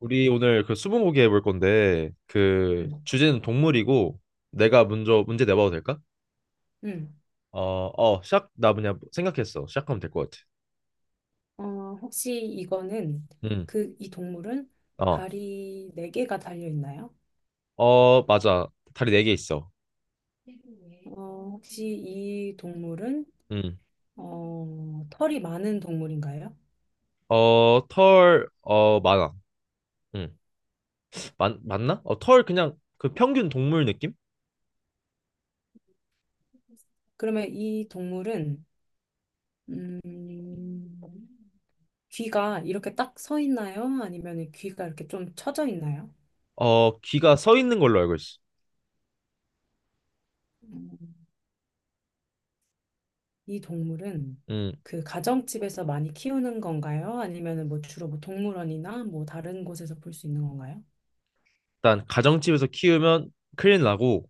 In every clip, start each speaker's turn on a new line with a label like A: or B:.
A: 우리 오늘 그 스무고개 해볼 건데 그
B: 음,
A: 주제는 동물이고, 내가 먼저 문제 내봐도 될까?
B: 음.
A: 어, 시작 나 그냥 생각했어. 시작하면 될 것 같아.
B: 혹시 이거는
A: 응.
B: 이 동물은
A: 어.
B: 발이 네개가 달려 있나요?
A: 어, 맞아. 다리 네 개 있어.
B: 네. 혹시 이 동물은
A: 응.
B: 털이 많은 동물인가요?
A: 어, 털, 어, 많아. 응. 맞나? 어, 털 그냥 그 평균 동물 느낌?
B: 그러면 이 동물은 음, 귀가 이렇게 딱 서 있나요? 아니면 귀가 이렇게 좀 처져 있나요?
A: 어, 귀가 서 있는 걸로 알고 있어.
B: 음, 이 동물은
A: 응.
B: 그 가정집에서 많이 키우는 건가요? 아니면 뭐 주로 뭐 동물원이나 뭐 다른 곳에서 볼 수 있는 건가요?
A: 일단 가정집에서 키우면 큰일 나고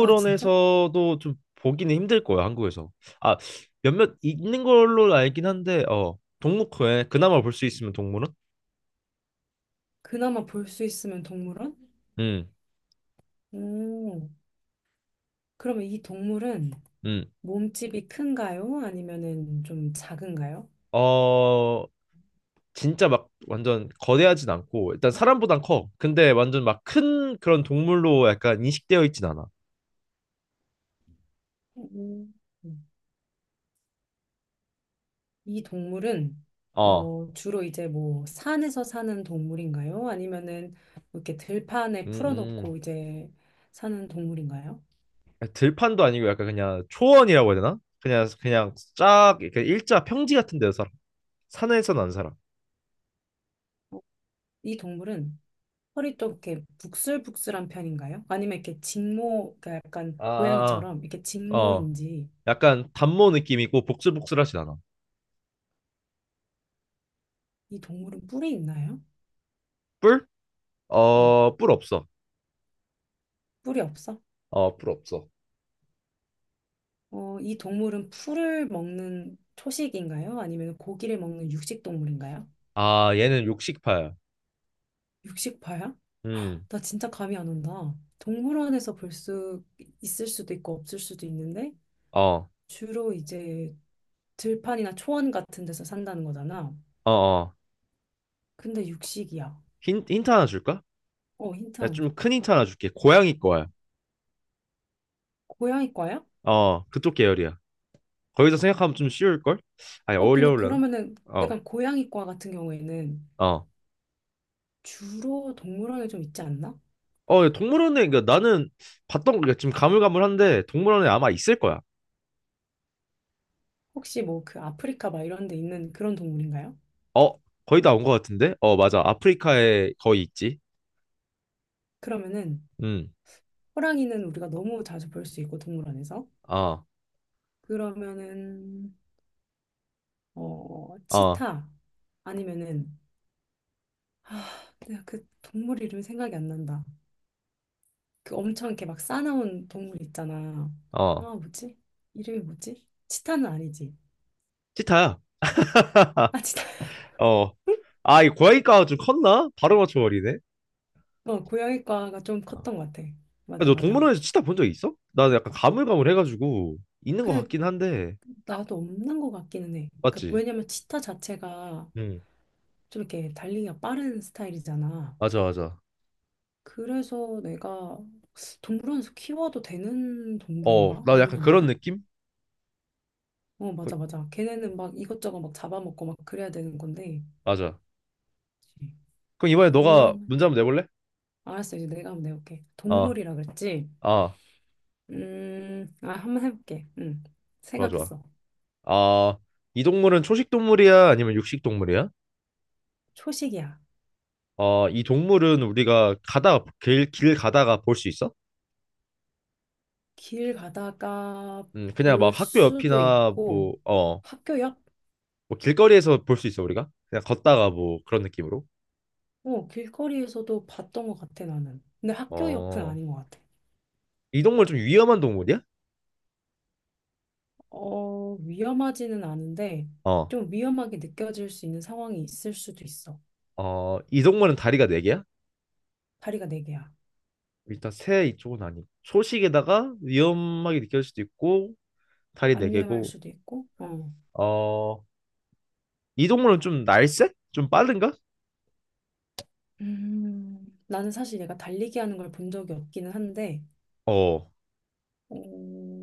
B: 아, 진짜?
A: 좀 보기는 힘들 거예요, 한국에서. 아, 몇몇 있는 걸로 알긴 한데 어, 동물원에 그나마 볼 수 있으면 동물원?
B: 그나마 볼 수 있으면 동물원?
A: 음.
B: 오, 그러면 이 동물은
A: 음.
B: 몸집이 큰가요? 아니면은 좀 작은가요?
A: 어, 진짜 막 완전 거대하진 않고 일단 사람보단 커. 근데 완전 막 큰 그런 동물로 약간 인식되어 있진 않아.
B: 오, 이 동물은
A: 어.
B: 주로 이제 뭐 산에서 사는 동물인가요? 아니면은 뭐 이렇게 들판에
A: 음,
B: 풀어놓고 이제 사는 동물인가요?
A: 들판도 아니고 약간 그냥 초원이라고 해야 되나? 그냥 쫙 이렇게 일자 평지 같은 데서 살아. 산에서는 안 살아.
B: 어, 이 동물은 허리 좀 이렇게 북슬북슬한 편인가요? 아니면 이렇게 직모, 그러니까 약간
A: 아, 아,
B: 고양이처럼 이렇게
A: 아. 어,
B: 직모인지.
A: 약간 단모 느낌이고 복슬복슬하진 않아.
B: 이 동물은 뿔이 있나요?
A: 뿔?
B: 어,
A: 어, 뿔 없어.
B: 뿔이 없어?
A: 어, 뿔 없어.
B: 이 동물은 풀을 먹는 초식인가요? 아니면 고기를 먹는 육식 동물인가요?
A: 아, 얘는 육식파야.
B: 육식파야?
A: 음,
B: 나 진짜 감이 안 온다. 동물원에서 볼 수 있을 수도 있고 없을 수도 있는데
A: 어,
B: 주로 이제 들판이나 초원 같은 데서 산다는 거잖아.
A: 어, 어.
B: 근데 육식이야.
A: 힌트 하나 줄까?
B: 어, 힌트
A: 야,
B: 하나 줘.
A: 좀 큰 힌트 하나 줄게. 고양이 거야.
B: 고양이과야?
A: 어, 그쪽 계열이야. 거기서 생각하면 좀 쉬울걸? 아니,
B: 어, 근데
A: 어울려나?
B: 그러면은
A: 어,
B: 약간 고양이과 같은 경우에는
A: 어.
B: 주로 동물원에 좀 있지 않나?
A: 어, 동물원에, 그러니까 나는 봤던 거, 그러니까 지금 가물가물한데 동물원에 아마 있을 거야.
B: 혹시 뭐 그 아프리카 막 이런 데 있는 그런 동물인가요?
A: 어, 거의 다 온 거 같은데? 어, 맞아. 아프리카에 거의 있지.
B: 그러면은
A: 음,
B: 호랑이는 우리가 너무 자주 볼 수 있고 동물원에서.
A: 어,
B: 그러면은
A: 어.
B: 치타 아니면은, 아 내가 그 동물 이름이 생각이 안 난다. 그 엄청 이렇게 막 싸나운 동물 있잖아. 아
A: 어,
B: 뭐지. 이름이 뭐지. 치타는 아니지.
A: 치타야.
B: 아 치타.
A: 어, 아, 이 고양이과가 좀 컸나? 바로 맞춰버리네.
B: 어 고양이과가 좀
A: 어.
B: 컸던 것 같아.
A: 야,
B: 맞아
A: 너
B: 맞아.
A: 동물원에서 치타 본 적 있어? 나는 약간 가물가물해가지고 있는 것
B: 근데
A: 같긴 한데,
B: 나도 없는 것 같기는 해. 그러니까
A: 맞지?
B: 왜냐면 치타 자체가
A: 응,
B: 좀 이렇게 달리기가 빠른 스타일이잖아.
A: 맞아, 맞아.
B: 그래서 내가 동물원에서 키워도 되는
A: 어,
B: 동물인가?
A: 나 약간 그런
B: 모르겠네.
A: 느낌?
B: 어,
A: 그-
B: 맞아, 맞아. 걔네는 막 이것저것 막 잡아먹고 막 그래야 되는 건데.
A: 맞아.
B: 그치.
A: 그럼 이번에 너가
B: 그럼,
A: 문제 한번 내볼래?
B: 알았어. 이제 내가 한번 내볼게.
A: 아,
B: 동물이라 그랬지?
A: 아,
B: 아, 한번 해볼게. 응.
A: 좋아, 좋아.
B: 생각했어.
A: 아, 이 동물은 초식 동물이야? 아니면 육식 동물이야?
B: 초식이야.
A: 어, 이 동물은 우리가 가다가 길 가다가 볼 수 있어?
B: 길 가다가
A: 그냥
B: 볼
A: 막 학교
B: 수도
A: 옆이나
B: 있고,
A: 뭐, 어,
B: 학교 옆?
A: 뭐 길거리에서 볼 수 있어 우리가? 그냥 걷다가 뭐 그런 느낌으로?
B: 어, 길거리에서도 봤던 것 같아, 나는. 근데 학교 옆은
A: 어.
B: 아닌 것 같아.
A: 이 동물 좀 위험한 동물이야?
B: 어, 위험하지는 않은데
A: 어.
B: 좀 위험하게 느껴질 수 있는 상황이 있을 수도 있어.
A: 어, 이 동물은 다리가 네 개야?
B: 다리가 네 개야.
A: 일단 새 이쪽은 아니. 초식에다가 위험하게 느껴질 수도 있고 다리 네
B: 안 위험할
A: 개고.
B: 수도 있고. 어.
A: 어. 이 동물은 좀 날쌔? 좀 빠른가?
B: 나는 사실 얘가 달리기 하는 걸 본 적이 없기는 한데
A: 어.
B: 어,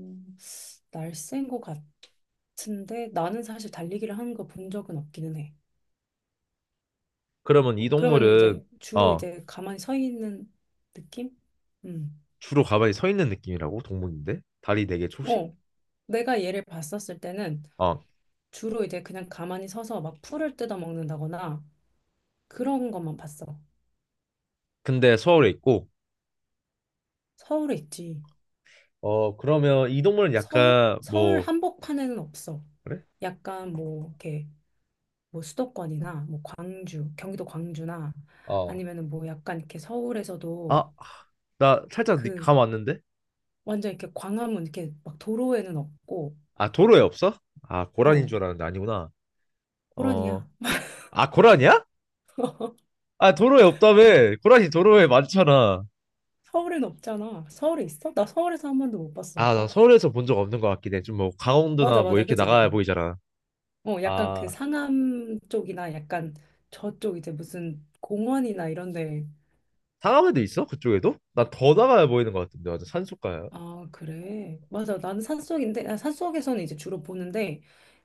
B: 날쌘 것 같은데 나는 사실 달리기를 하는 거 본 적은 없기는 해.
A: 그러면 이
B: 그러면 은
A: 동물은
B: 이제 주로
A: 어,
B: 이제 가만히 서 있는 느낌? 음.
A: 주로 가만히 서 있는 느낌이라고 동물인데 다리 네 개 초식?
B: 어. 내가 얘를 봤었을 때는
A: 어.
B: 주로 이제 그냥 가만히 서서 막 풀을 뜯어 먹는다거나 그런 것만 봤어.
A: 근데 서울에 있고
B: 서울에 있지.
A: 어, 그러면 이 동물은
B: 서울?
A: 약간
B: 서울
A: 뭐
B: 한복판에는 없어.
A: 그래?
B: 약간 뭐 이렇게 뭐 수도권이나 뭐 광주, 경기도 광주나
A: 어.
B: 아니면은 뭐 약간 이렇게 서울에서도,
A: 아, 나 살짝
B: 그
A: 감 왔는데?
B: 완전 이렇게 광화문 이렇게 막 도로에는 없고.
A: 아, 도로에 없어? 아, 고란인
B: 어
A: 줄 알았는데 아니구나.
B: 고라니야.
A: 어, 아, 고란이야? 아, 도로에 없다며. 고란이 도로에 많잖아.
B: 서울엔 없잖아. 서울에 있어? 나 서울에서 한 번도 못 봤어.
A: 아, 나 서울에서 본 적 없는 것 같긴 해. 좀 뭐, 강원도나
B: 맞아
A: 뭐,
B: 맞아
A: 이렇게
B: 그지
A: 나가야
B: 그지.
A: 보이잖아.
B: 어 약간 그
A: 아,
B: 상암 쪽이나 약간 저쪽 이제 무슨 공원이나 이런 데.
A: 상암에도 있어? 그쪽에도? 나 더 나가야 보이는 것 같은데. 완전 산속가야.
B: 아, 그래. 맞아. 나는 산속인데, 아, 산속에서는 이제 주로 보는데,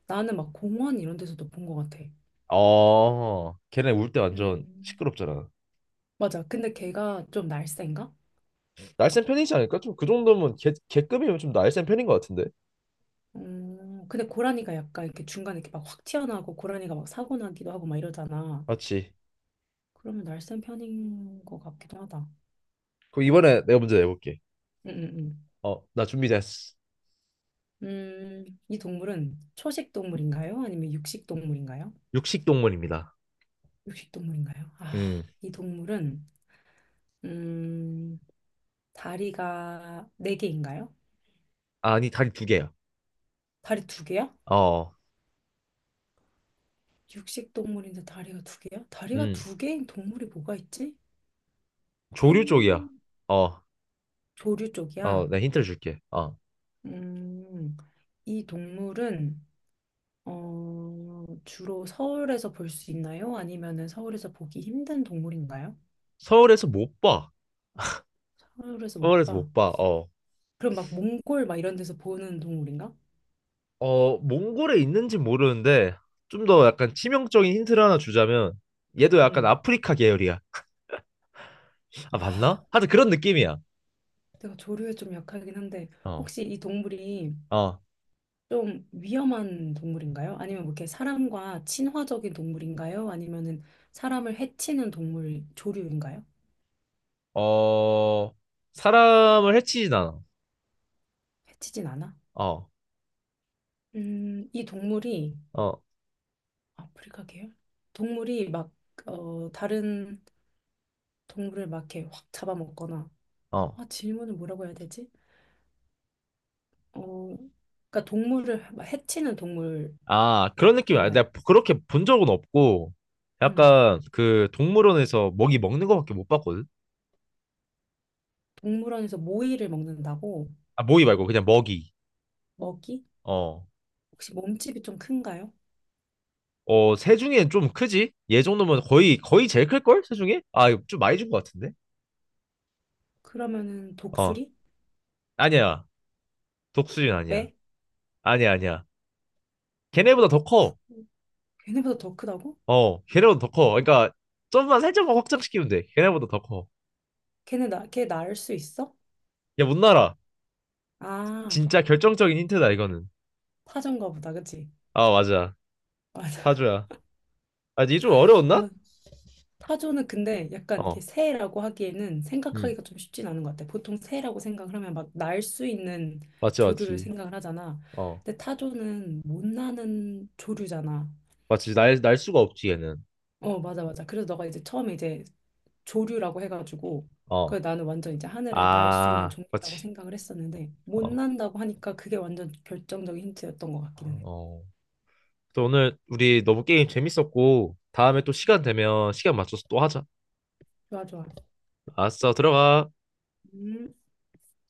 B: 나는 막 공원 이런 데서도 본 것 같아.
A: 어, 걔네 울 때 완전
B: 음,
A: 시끄럽잖아.
B: 맞아. 근데 걔가 좀 날쌘가?
A: 날쌘 편이지 않을까? 좀 그 정도면 개급이면 좀 날쌘 편인 것 같은데.
B: 근데 고라니가 약간 이렇게 중간에 이렇게 막 확 튀어나오고 고라니가 막 사고 나기도 하고 막 이러잖아.
A: 맞지?
B: 그러면 날쌘 편인 것 같기도 하다.
A: 그럼 이번에 내가 문제 내볼게.
B: 응, 응,
A: 어, 나 준비됐어.
B: 응. 이 동물은 초식 동물인가요? 아니면 육식 동물인가요?
A: 육식동물입니다.
B: 육식 동물인가요? 아,
A: 음.
B: 이 동물은 음, 다리가 네 개인가요?
A: 아니, 다리 두 개야.
B: 다리 두 개야?
A: 어,
B: 육식 동물인데 다리가 두 개야? 다리가
A: 음,
B: 두 개인 동물이 뭐가 있지? 캥.
A: 조류 쪽이야. 어,
B: 조류
A: 어,
B: 쪽이야.
A: 나 힌트를 줄게. 어,
B: 음, 이 동물은 주로 서울에서 볼 수 있나요? 아니면은 서울에서 보기 힘든 동물인가요?
A: 서울에서 못 봐.
B: 서울에서 못
A: 서울에서
B: 봐.
A: 못 봐. 어,
B: 그럼 막 몽골 막 이런 데서 보는 동물인가?
A: 어, 몽골에 있는지 모르는데 좀 더 약간 치명적인 힌트를 하나 주자면 얘도 약간
B: 음.
A: 아프리카 계열이야. 아, 맞나?
B: 아,
A: 하여튼 그런 느낌이야.
B: 내가 조류에 좀 약하긴 한데
A: 어,
B: 혹시 이 동물이
A: 어,
B: 좀 위험한 동물인가요? 아니면 뭐 이렇게 사람과 친화적인 동물인가요? 아니면은 사람을 해치는 동물 조류인가요?
A: 어, 사람을 해치진 않아.
B: 해치진 않아?
A: 어,
B: 이 동물이
A: 어,
B: 아프리카 계열? 동물이 막 다른 동물을 막 이렇게 확 잡아먹거나.
A: 어.
B: 아, 질문을 뭐라고 해야 되지? 어, 그러니까 동물을 막 해치는 동물인가요?
A: 아, 그런 느낌이야. 내가 그렇게 본 적은 없고
B: 음,
A: 약간 그 동물원에서 먹이 먹는 거밖에 못 봤거든.
B: 동물원에서 모이를 먹는다고.
A: 아, 모이 말고 그냥 먹이.
B: 먹이?
A: 어.
B: 혹시 몸집이 좀 큰가요?
A: 어, 새 중엔 좀 크지? 얘 정도면 거의 제일 클 걸? 새 중에? 아, 이거 좀 많이 준 것 같은데.
B: 그러면은
A: 어.
B: 독수리?
A: 아니야. 독수리는 아니야.
B: 매?
A: 아니야, 아니야. 걔네보다 더 커.
B: 걔네보다 더 크다고?
A: 어. 걔네보다 더 커. 그러니까 좀만 살짝만 확장시키면 돼. 걔네보다 더 커.
B: 걔네 나, 걔 낳을 수 있어?
A: 야, 못 날아.
B: 아,
A: 진짜 결정적인 힌트다 이거는.
B: 타조인가 보다, 그치?
A: 아, 맞아.
B: 맞아.
A: 타조야. 아, 이게 좀
B: 뭐,
A: 어려웠나?
B: 타조는 근데 약간 이렇게
A: 어.
B: 새라고 하기에는
A: 음.
B: 생각하기가 좀 쉽진 않은 것 같아. 보통 새라고 생각을 하면 막 날 수 있는
A: 맞지,
B: 조류를
A: 맞지.
B: 생각을 하잖아.
A: 어.
B: 근데 타조는 못 나는 조류잖아.
A: 맞지. 날 수가 없지 얘는.
B: 어, 맞아, 맞아. 그래서 너가 이제 처음에 이제 조류라고 해가지고, 그
A: 어.
B: 나는 완전 이제 하늘을 날 수 있는
A: 아,
B: 종류라고
A: 맞지.
B: 생각을 했었는데, 못
A: 어.
B: 난다고 하니까 그게 완전 결정적인 힌트였던 것 같기는 해.
A: 어. 또 오늘 우리 너무 게임 재밌었고 다음에 또 시간 되면 시간 맞춰서 또 하자.
B: 좋아, 좋아.
A: 알았어, 들어가.
B: 음.